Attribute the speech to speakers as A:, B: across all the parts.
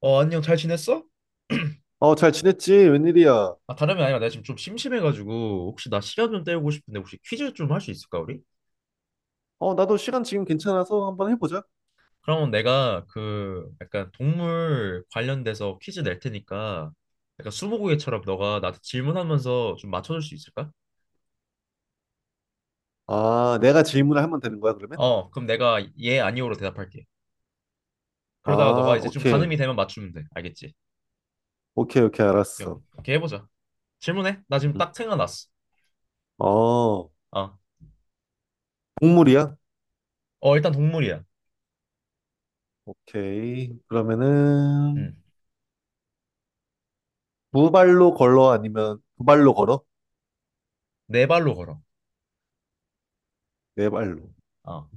A: 안녕, 잘 지냈어?
B: 어, 잘 지냈지? 웬일이야?
A: 아, 다름이 아니라 내가 지금 좀 심심해가지고 혹시 나 시간 좀 때우고 싶은데 혹시 퀴즈 좀 할 수 있을까 우리?
B: 어, 나도 시간 지금 괜찮아서 한번 해보자.
A: 그러면 내가 그 약간 동물 관련돼서 퀴즈 낼 테니까 약간 스무고개처럼 너가 나한테 질문하면서 좀 맞춰줄 수 있을까?
B: 아, 내가 질문을 하면 되는 거야, 그러면?
A: 어, 그럼 내가 예 아니오로 대답할게. 그러다가 너가
B: 아,
A: 이제 좀
B: 오케이.
A: 가늠이 되면 맞추면 돼. 알겠지?
B: 오케이, 오케이, 알았어.
A: 오케이, 해보자. 질문해. 나 지금
B: 음.
A: 딱 생각났어.
B: 어,
A: 어,
B: 동물이야?
A: 어, 일단 동물이야.
B: 오케이. 그러면은,
A: 음.
B: 두 발로 걸어? 아니면 두 발로 걸어?
A: 네 발로 걸어.
B: 네 발로.
A: 어,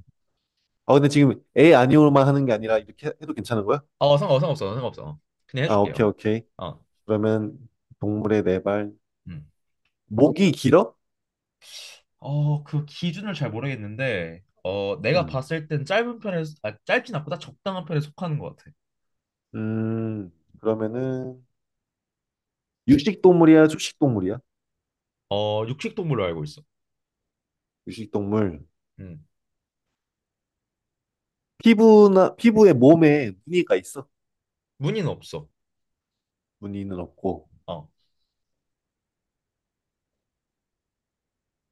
B: 아, 근데 지금 에 아니오만 하는 게 아니라 이렇게 해도 괜찮은 거야?
A: 어, 상관없어. 어. 그냥
B: 아, 오케이,
A: 해줄게요.
B: 오케이.
A: 어.
B: 그러면 동물의 네 발.
A: 음.
B: 목이 길어?
A: 어, 그 기준을 잘 모르겠는데, 어, 내가
B: 음.
A: 봤을 땐 짧은 편에, 아, 짧진 않고다 적당한 편에 속하는 것 같아.
B: 음, 그러면은, 육식 동물이야? 초식 동물이야?
A: 어, 육식동물로 알고 있어.
B: 육식 동물.
A: 음.
B: 피부나, 피부에 몸에 무늬가 있어.
A: 무늬는 없어.
B: 무늬는 없고.
A: 어,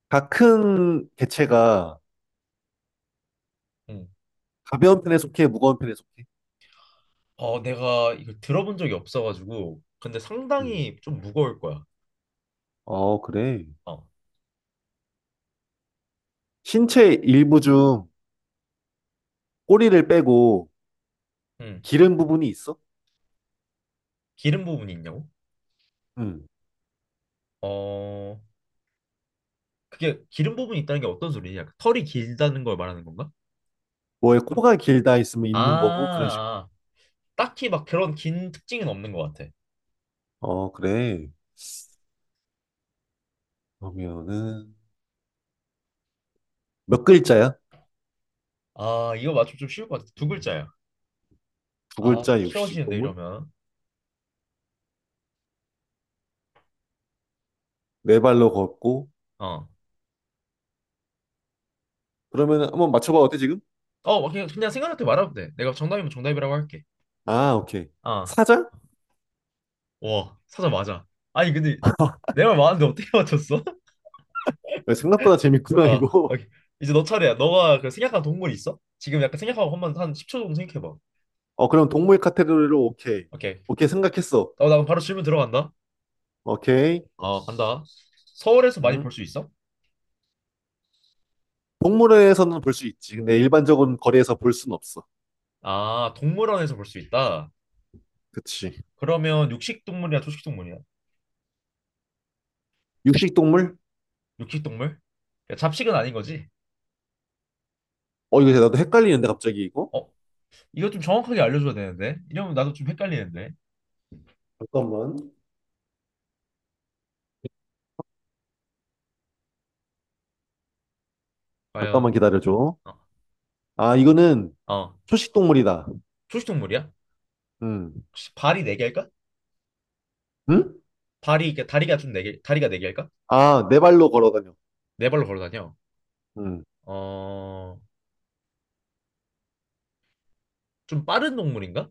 B: 다 큰 개체가
A: 음.
B: 가벼운 편에 속해, 무거운 편에 속해?
A: 어, 내가 이걸 들어본 적이 없어가지고, 근데
B: 음.
A: 상당히 좀 무거울 거야.
B: 어, 그래.
A: 어,
B: 신체 일부 중 꼬리를 빼고
A: 음.
B: 기른 부분이 있어?
A: 기름 부분이 있냐고?
B: 음.
A: 어, 그게 기름 부분이 있다는 게 어떤 소리냐? 털이 길다는 걸 말하는 건가?
B: 뭐에 코가 길다 있으면 있는 거고, 그런
A: 아,
B: 식으로.
A: 아. 딱히 막 그런 긴 특징은 없는 것 같아.
B: 어, 그래. 그러면은, 몇 글자야?
A: 아, 이거 맞추면 좀 쉬울 것 같아. 두 글자야.
B: 두
A: 아,
B: 글자
A: 좀
B: 육식
A: 쉬워지는데
B: 동물?
A: 이러면.
B: 네 발로 걷고.
A: 어.
B: 그러면은 한번 맞춰봐. 어때, 지금?
A: 어, 그냥, 생각날 때 말하면 돼. 내가 정답이면 정답이라고 할게.
B: 아, 오케이.
A: 아,
B: 사자?
A: 와, 사자 맞아. 아니, 근데 내 말 맞았는데 어떻게 맞췄어?
B: 야, 생각보다 재밌구나,
A: 아,
B: 이거.
A: 오케이. 이제 너 차례야. 너가 그 생각한 동물 있어? 지금 약간 생각하고 한번 한 10초 정도 생각해봐.
B: 어, 그럼 동물 카테고리로 오케이.
A: 오케이.
B: 오케이, 생각했어.
A: 어, 나 그럼 바로 질문 들어간다.
B: 오케이.
A: 어, 간다. 서울에서 많이 볼
B: 음.
A: 수 있어?
B: 동물원에서는 볼 수 있지. 근데 일반적인 거리에서 볼 순 없어.
A: 아, 동물원에서 볼 수 있다.
B: 그치.
A: 그러면 육식 동물이야, 초식 동물이야?
B: 육식 동물?
A: 육식 동물? 그러니까 잡식은 아닌 거지?
B: 어, 이거 나도 헷갈리는데, 갑자기 이거?
A: 어, 이거 좀 정확하게 알려줘야 되는데. 이러면 나도 좀 헷갈리는데.
B: 잠깐만. 잠깐만
A: 과연?
B: 기다려줘.
A: 어,
B: 아, 이거는
A: 어.
B: 초식 동물이다.
A: 초식 동물이야?
B: 음.
A: 혹시 발이 네 개일까?
B: 응?
A: 발이, 그러니까 다리가 좀 네 개, 다리가 네 개일까?
B: 아, 네 발로 걸어다녀.
A: 네 발로 걸어 다녀.
B: 음.
A: 어, 좀 빠른 동물인가?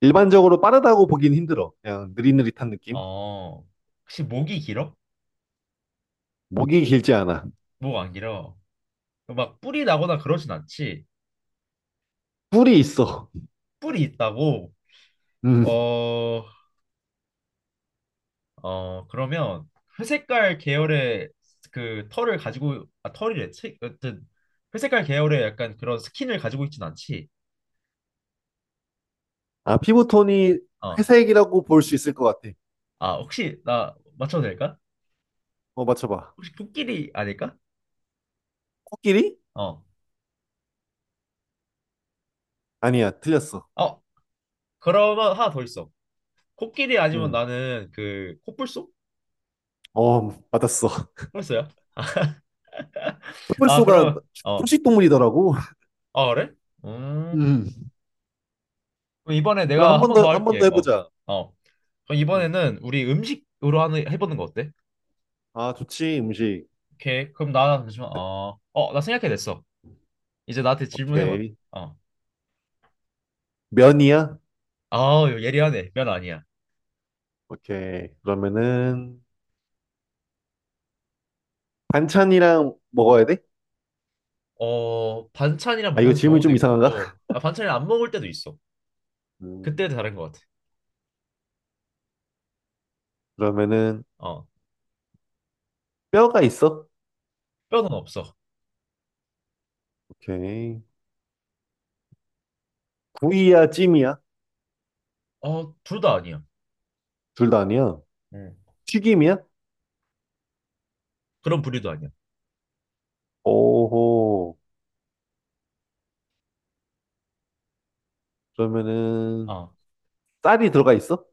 B: 일반적으로 빠르다고 보긴 힘들어. 그냥 느릿느릿한 느낌?
A: 어, 혹시 목이 길어?
B: 목이 길지 않아.
A: 목 안 길어. 막 뿔이 나거나 그러진 않지.
B: 뿔이 있어.
A: 뿔이 있다고.
B: 음.
A: 어, 어 그러면 회색깔 계열의 그 털을 가지고 아 털이래. 체- 어쨌든 회색깔 계열의 약간 그런 스킨을 가지고 있진 않지.
B: 아, 피부톤이
A: 어,
B: 회색이라고 볼 수 있을 것 같아.
A: 아 혹시 나 맞춰도 될까?
B: 어, 맞춰봐.
A: 혹시 코끼리 아닐까?
B: 코끼리?
A: 어.
B: 아니야, 틀렸어.
A: 어, 그러면 하나 더 있어. 코끼리 아니면
B: 음,
A: 나는 그 코뿔소?
B: 어, 맞았어.
A: 뿔소야? 아,
B: 코뿔소가
A: 그러면 어.
B: 초식동물이더라고.
A: 아, 그래? 음.
B: 음.
A: 그럼 이번에
B: 그럼
A: 내가
B: 한
A: 한
B: 번
A: 번
B: 더,
A: 더
B: 한 번 더
A: 할게. 어.
B: 해보자.
A: 어. 그럼
B: 음.
A: 이번에는 우리 음식으로 하는 해보는 거 어때?
B: 아, 좋지, 음식.
A: 오케이. 그럼 나 잠시만. 어. 어, 나 생각해냈어. 이제 나한테 질문해봐.
B: 오케이.
A: 어.
B: 면이야?
A: 아, 예리하네. 면 아니야.
B: 오케이. 그러면은, 반찬이랑 먹어야 돼?
A: 어, 반찬이랑
B: 아, 이거
A: 먹는
B: 질문이
A: 경우도
B: 좀 이상한가?
A: 있고, 아, 반찬이랑 안 먹을 때도 있어. 그때
B: 음,
A: 다른 것 같아.
B: 그러면은,
A: 어.
B: 뼈가 있어?
A: 뼈는 없어.
B: 오케이. 구이야, 찜이야?
A: 어, 둘 다 아니야.
B: 둘 다 아니야.
A: 음.
B: 튀김이야?
A: 그런 부류도 아니야.
B: 오호. 그러면은,
A: 어.
B: 쌀이 들어가 있어?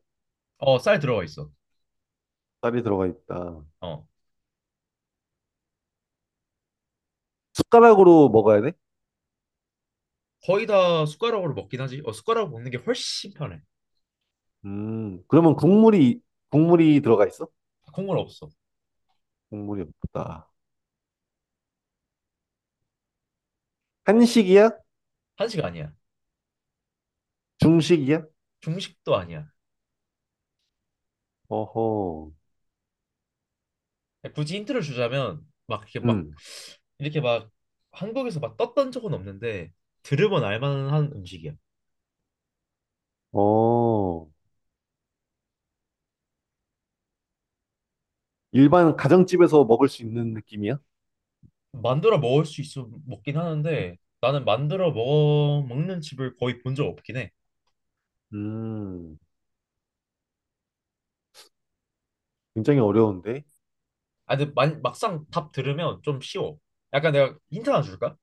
A: 어, 쌀 들어가 있어.
B: 쌀이 들어가 있다.
A: 어.
B: 숟가락으로 먹어야 돼?
A: 거의 다 숟가락으로 먹긴 하지. 어, 숟가락으로 먹는 게 훨씬 편해.
B: 그러면 국물이, 국물이 들어가 있어?
A: 콩물 없어.
B: 국물이 없다. 한식이야?
A: 한식 아니야.
B: 중식이야?
A: 중식도 아니야.
B: 어허,
A: 굳이 힌트를 주자면 막 이렇게 막
B: 음,
A: 이렇게 막 한국에서 막 떴던 적은 없는데 들으면 알만한 음식이야.
B: 어, 일반 가정집에서 먹을 수 있는 느낌이야?
A: 만들어 먹을 수 있어 먹긴 하는데 나는 만들어 먹어 먹는 집을 거의 본 적 없긴 해.
B: 음, 굉장히 어려운데?
A: 아, 근데 막상 답 들으면 좀 쉬워. 약간 내가 힌트 하나 줄까?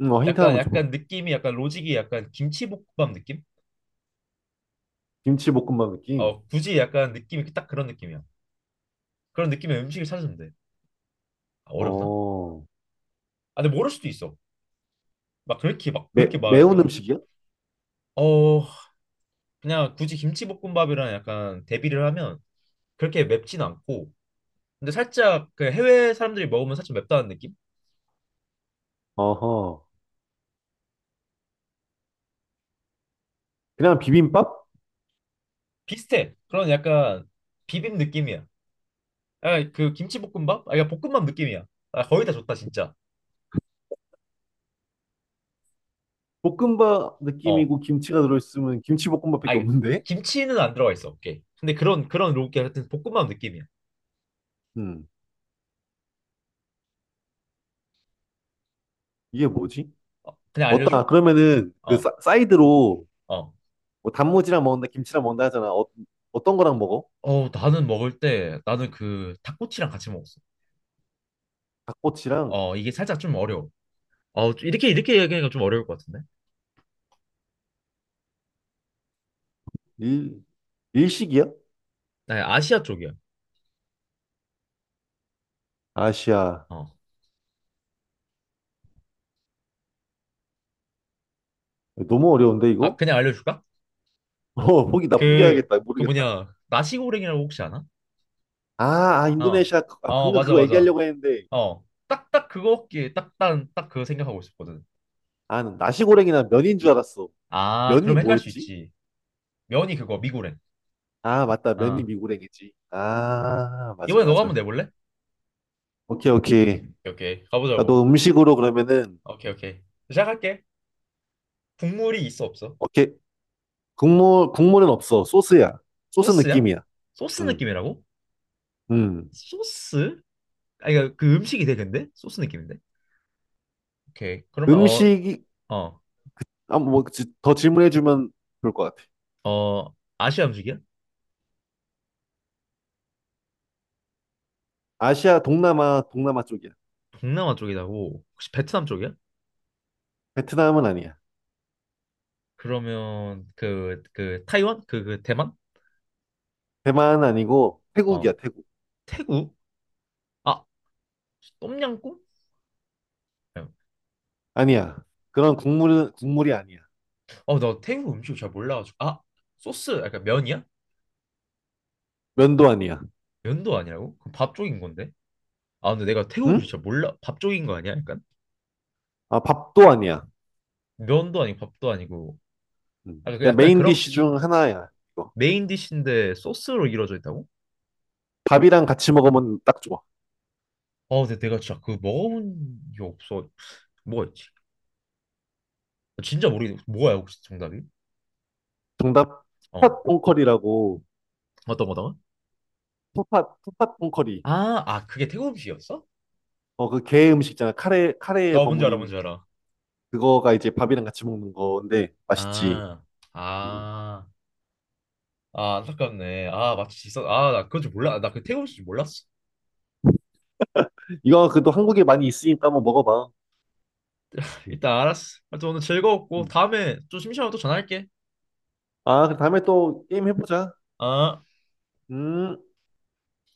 B: 힌트
A: 약간
B: 한번 줘봐.
A: 약간 느낌이 약간 로직이 약간 김치볶음밥 느낌?
B: 김치볶음밥 느낌?
A: 어, 굳이 약간 느낌이 딱 그런 느낌이야. 그런 느낌의 음식을 찾으면 돼. 아, 어렵나?
B: 어,
A: 아, 근데 모를 수도 있어. 막 그렇게 막
B: 매,
A: 그렇게 막 이렇게
B: 매운
A: 한,
B: 음식이야?
A: 어, 그냥 굳이 김치볶음밥이랑 약간 대비를 하면 그렇게 맵진 않고, 근데 살짝 그 해외 사람들이 먹으면 살짝 맵다는 느낌?
B: 어허, 그냥 비빔밥?
A: 비슷해. 그런 약간 비빔 느낌이야. 아 그 김치볶음밥? 아, 그러니까 볶음밥 느낌이야. 아, 거의 다 좋다 진짜.
B: 볶음밥
A: 어,
B: 느낌이고 김치가 들어있으면
A: 아,
B: 김치볶음밥밖에
A: 이게
B: 없는데?
A: 김치는 안 들어가 있어. 오케이. 근데 그런 그런 로게 하여튼 볶음밥 느낌이야.
B: 음, 이게 뭐지?
A: 어, 그냥 알려줘?
B: 어따, 그러면은 그
A: 어,
B: 사, 사이드로
A: 어.
B: 뭐 단무지랑 먹는다, 김치랑 먹는다 하잖아. 어떤 거랑 먹어?
A: 어, 나는 먹을 때 나는 그 닭꼬치랑 같이 먹었어.
B: 닭꼬치랑
A: 어, 이게 살짝 좀 어려워. 어, 좀 이렇게 얘기하니까 좀 어려울 것 같은데.
B: 일, 일식이야?
A: 나 아시아 쪽이야.
B: 아시아.
A: 어.
B: 너무 어려운데,
A: 아,
B: 이거?
A: 그냥 알려줄까?
B: 포기, 나
A: 그,
B: 포기해야겠다.
A: 그
B: 모르겠다.
A: 뭐냐, 나시고랭이라고 혹시 아나?
B: 아, 아,
A: 어,
B: 인도네시아. 아,
A: 어,
B: 방금
A: 맞아,
B: 그거
A: 맞아.
B: 얘기하려고 했는데.
A: 어, 딱, 그거 먹기에 딱, 그거 생각하고 있었거든.
B: 아, 난 나시고랭이나 면인 줄 알았어.
A: 아,
B: 면이
A: 그럼 헷갈릴 수
B: 뭐였지?
A: 있지. 면이 그거, 미고랭.
B: 아, 맞다. 면이
A: 아,
B: 미고랭이지. 아, 맞아,
A: 이번에 너가
B: 맞아.
A: 한번 내볼래?
B: 오케이, 오케이.
A: 오케이. 가보자고.
B: 나도 음식으로 그러면은,
A: 오케이. 시작할게. 국물이 있어, 없어?
B: 오케이. 국물, 국물은 없어. 소스야. 소스
A: 소스야?
B: 느낌이야.
A: 소스
B: 음,
A: 느낌이라고?
B: 음.
A: 소스? 아니 그러니까 그 음식이 돼 근데 소스 느낌인데? 오케이, 그러면,
B: 음식이, 더 질문해주면 좋을 것 같아.
A: 어, 아시아 음식이야?
B: 아시아, 동남아, 동남아 쪽이야.
A: 동남아 쪽이라고 혹시 베트남 쪽이야?
B: 베트남은 아니야.
A: 그러면 그 타이완 그 대만?
B: 대만은 아니고, 태국이야,
A: 어,
B: 태국.
A: 태국? 아, 똠양꿍?
B: 아니야. 그런 국물은, 국물이 아니야.
A: 어, 나 태국 음식 잘 몰라가지고. 아, 소스, 약간 면이야?
B: 면도 아니야.
A: 면도 아니라고? 그럼 밥 쪽인 건데? 아, 근데 내가 태국 음식
B: 응?
A: 잘 몰라. 밥 쪽인 거 아니야? 약간.
B: 아, 밥도 아니야.
A: 면도 아니고 밥도 아니고.
B: 음.
A: 아, 그
B: 그냥
A: 약간
B: 메인
A: 그런
B: 디쉬 중 하나야, 이거.
A: 메인 디쉬인데 소스로 이루어져 있다고?
B: 밥이랑 같이 먹으면 딱 좋아.
A: 아, 근데 내가 진짜 그거 먹어본 게 없어. 뭐가 있지? 진짜 모르겠네. 뭐야, 혹시 정답이?
B: 정답,
A: 어.
B: 푸팟 퐁커리라고,
A: 어떤 거다?
B: 푸팟, 푸팟 퐁커리.
A: 아, 아, 그게 태국 음식이었어?
B: 어, 그 게 음식 있잖아. 카레, 카레에
A: 나 뭔지 알아,
B: 버무린
A: 뭔지 알아.
B: 그거가 이제 밥이랑 같이 먹는 건데, 맛있지.
A: 아,
B: 음.
A: 아, 아, 안타깝네. 아, 맞치 있어. 아, 나 그건 줄 몰라. 나 그 태국 음식 몰랐어.
B: 이거 그래도 한국에 많이 있으니까 한번 먹어봐. 음.
A: 일단 알았어. 하여튼 오늘 즐거웠고,
B: 음.
A: 다음에 좀 심심하면 또 전화할게.
B: 아, 그 다음에 또 게임 해보자.
A: 아.
B: 음.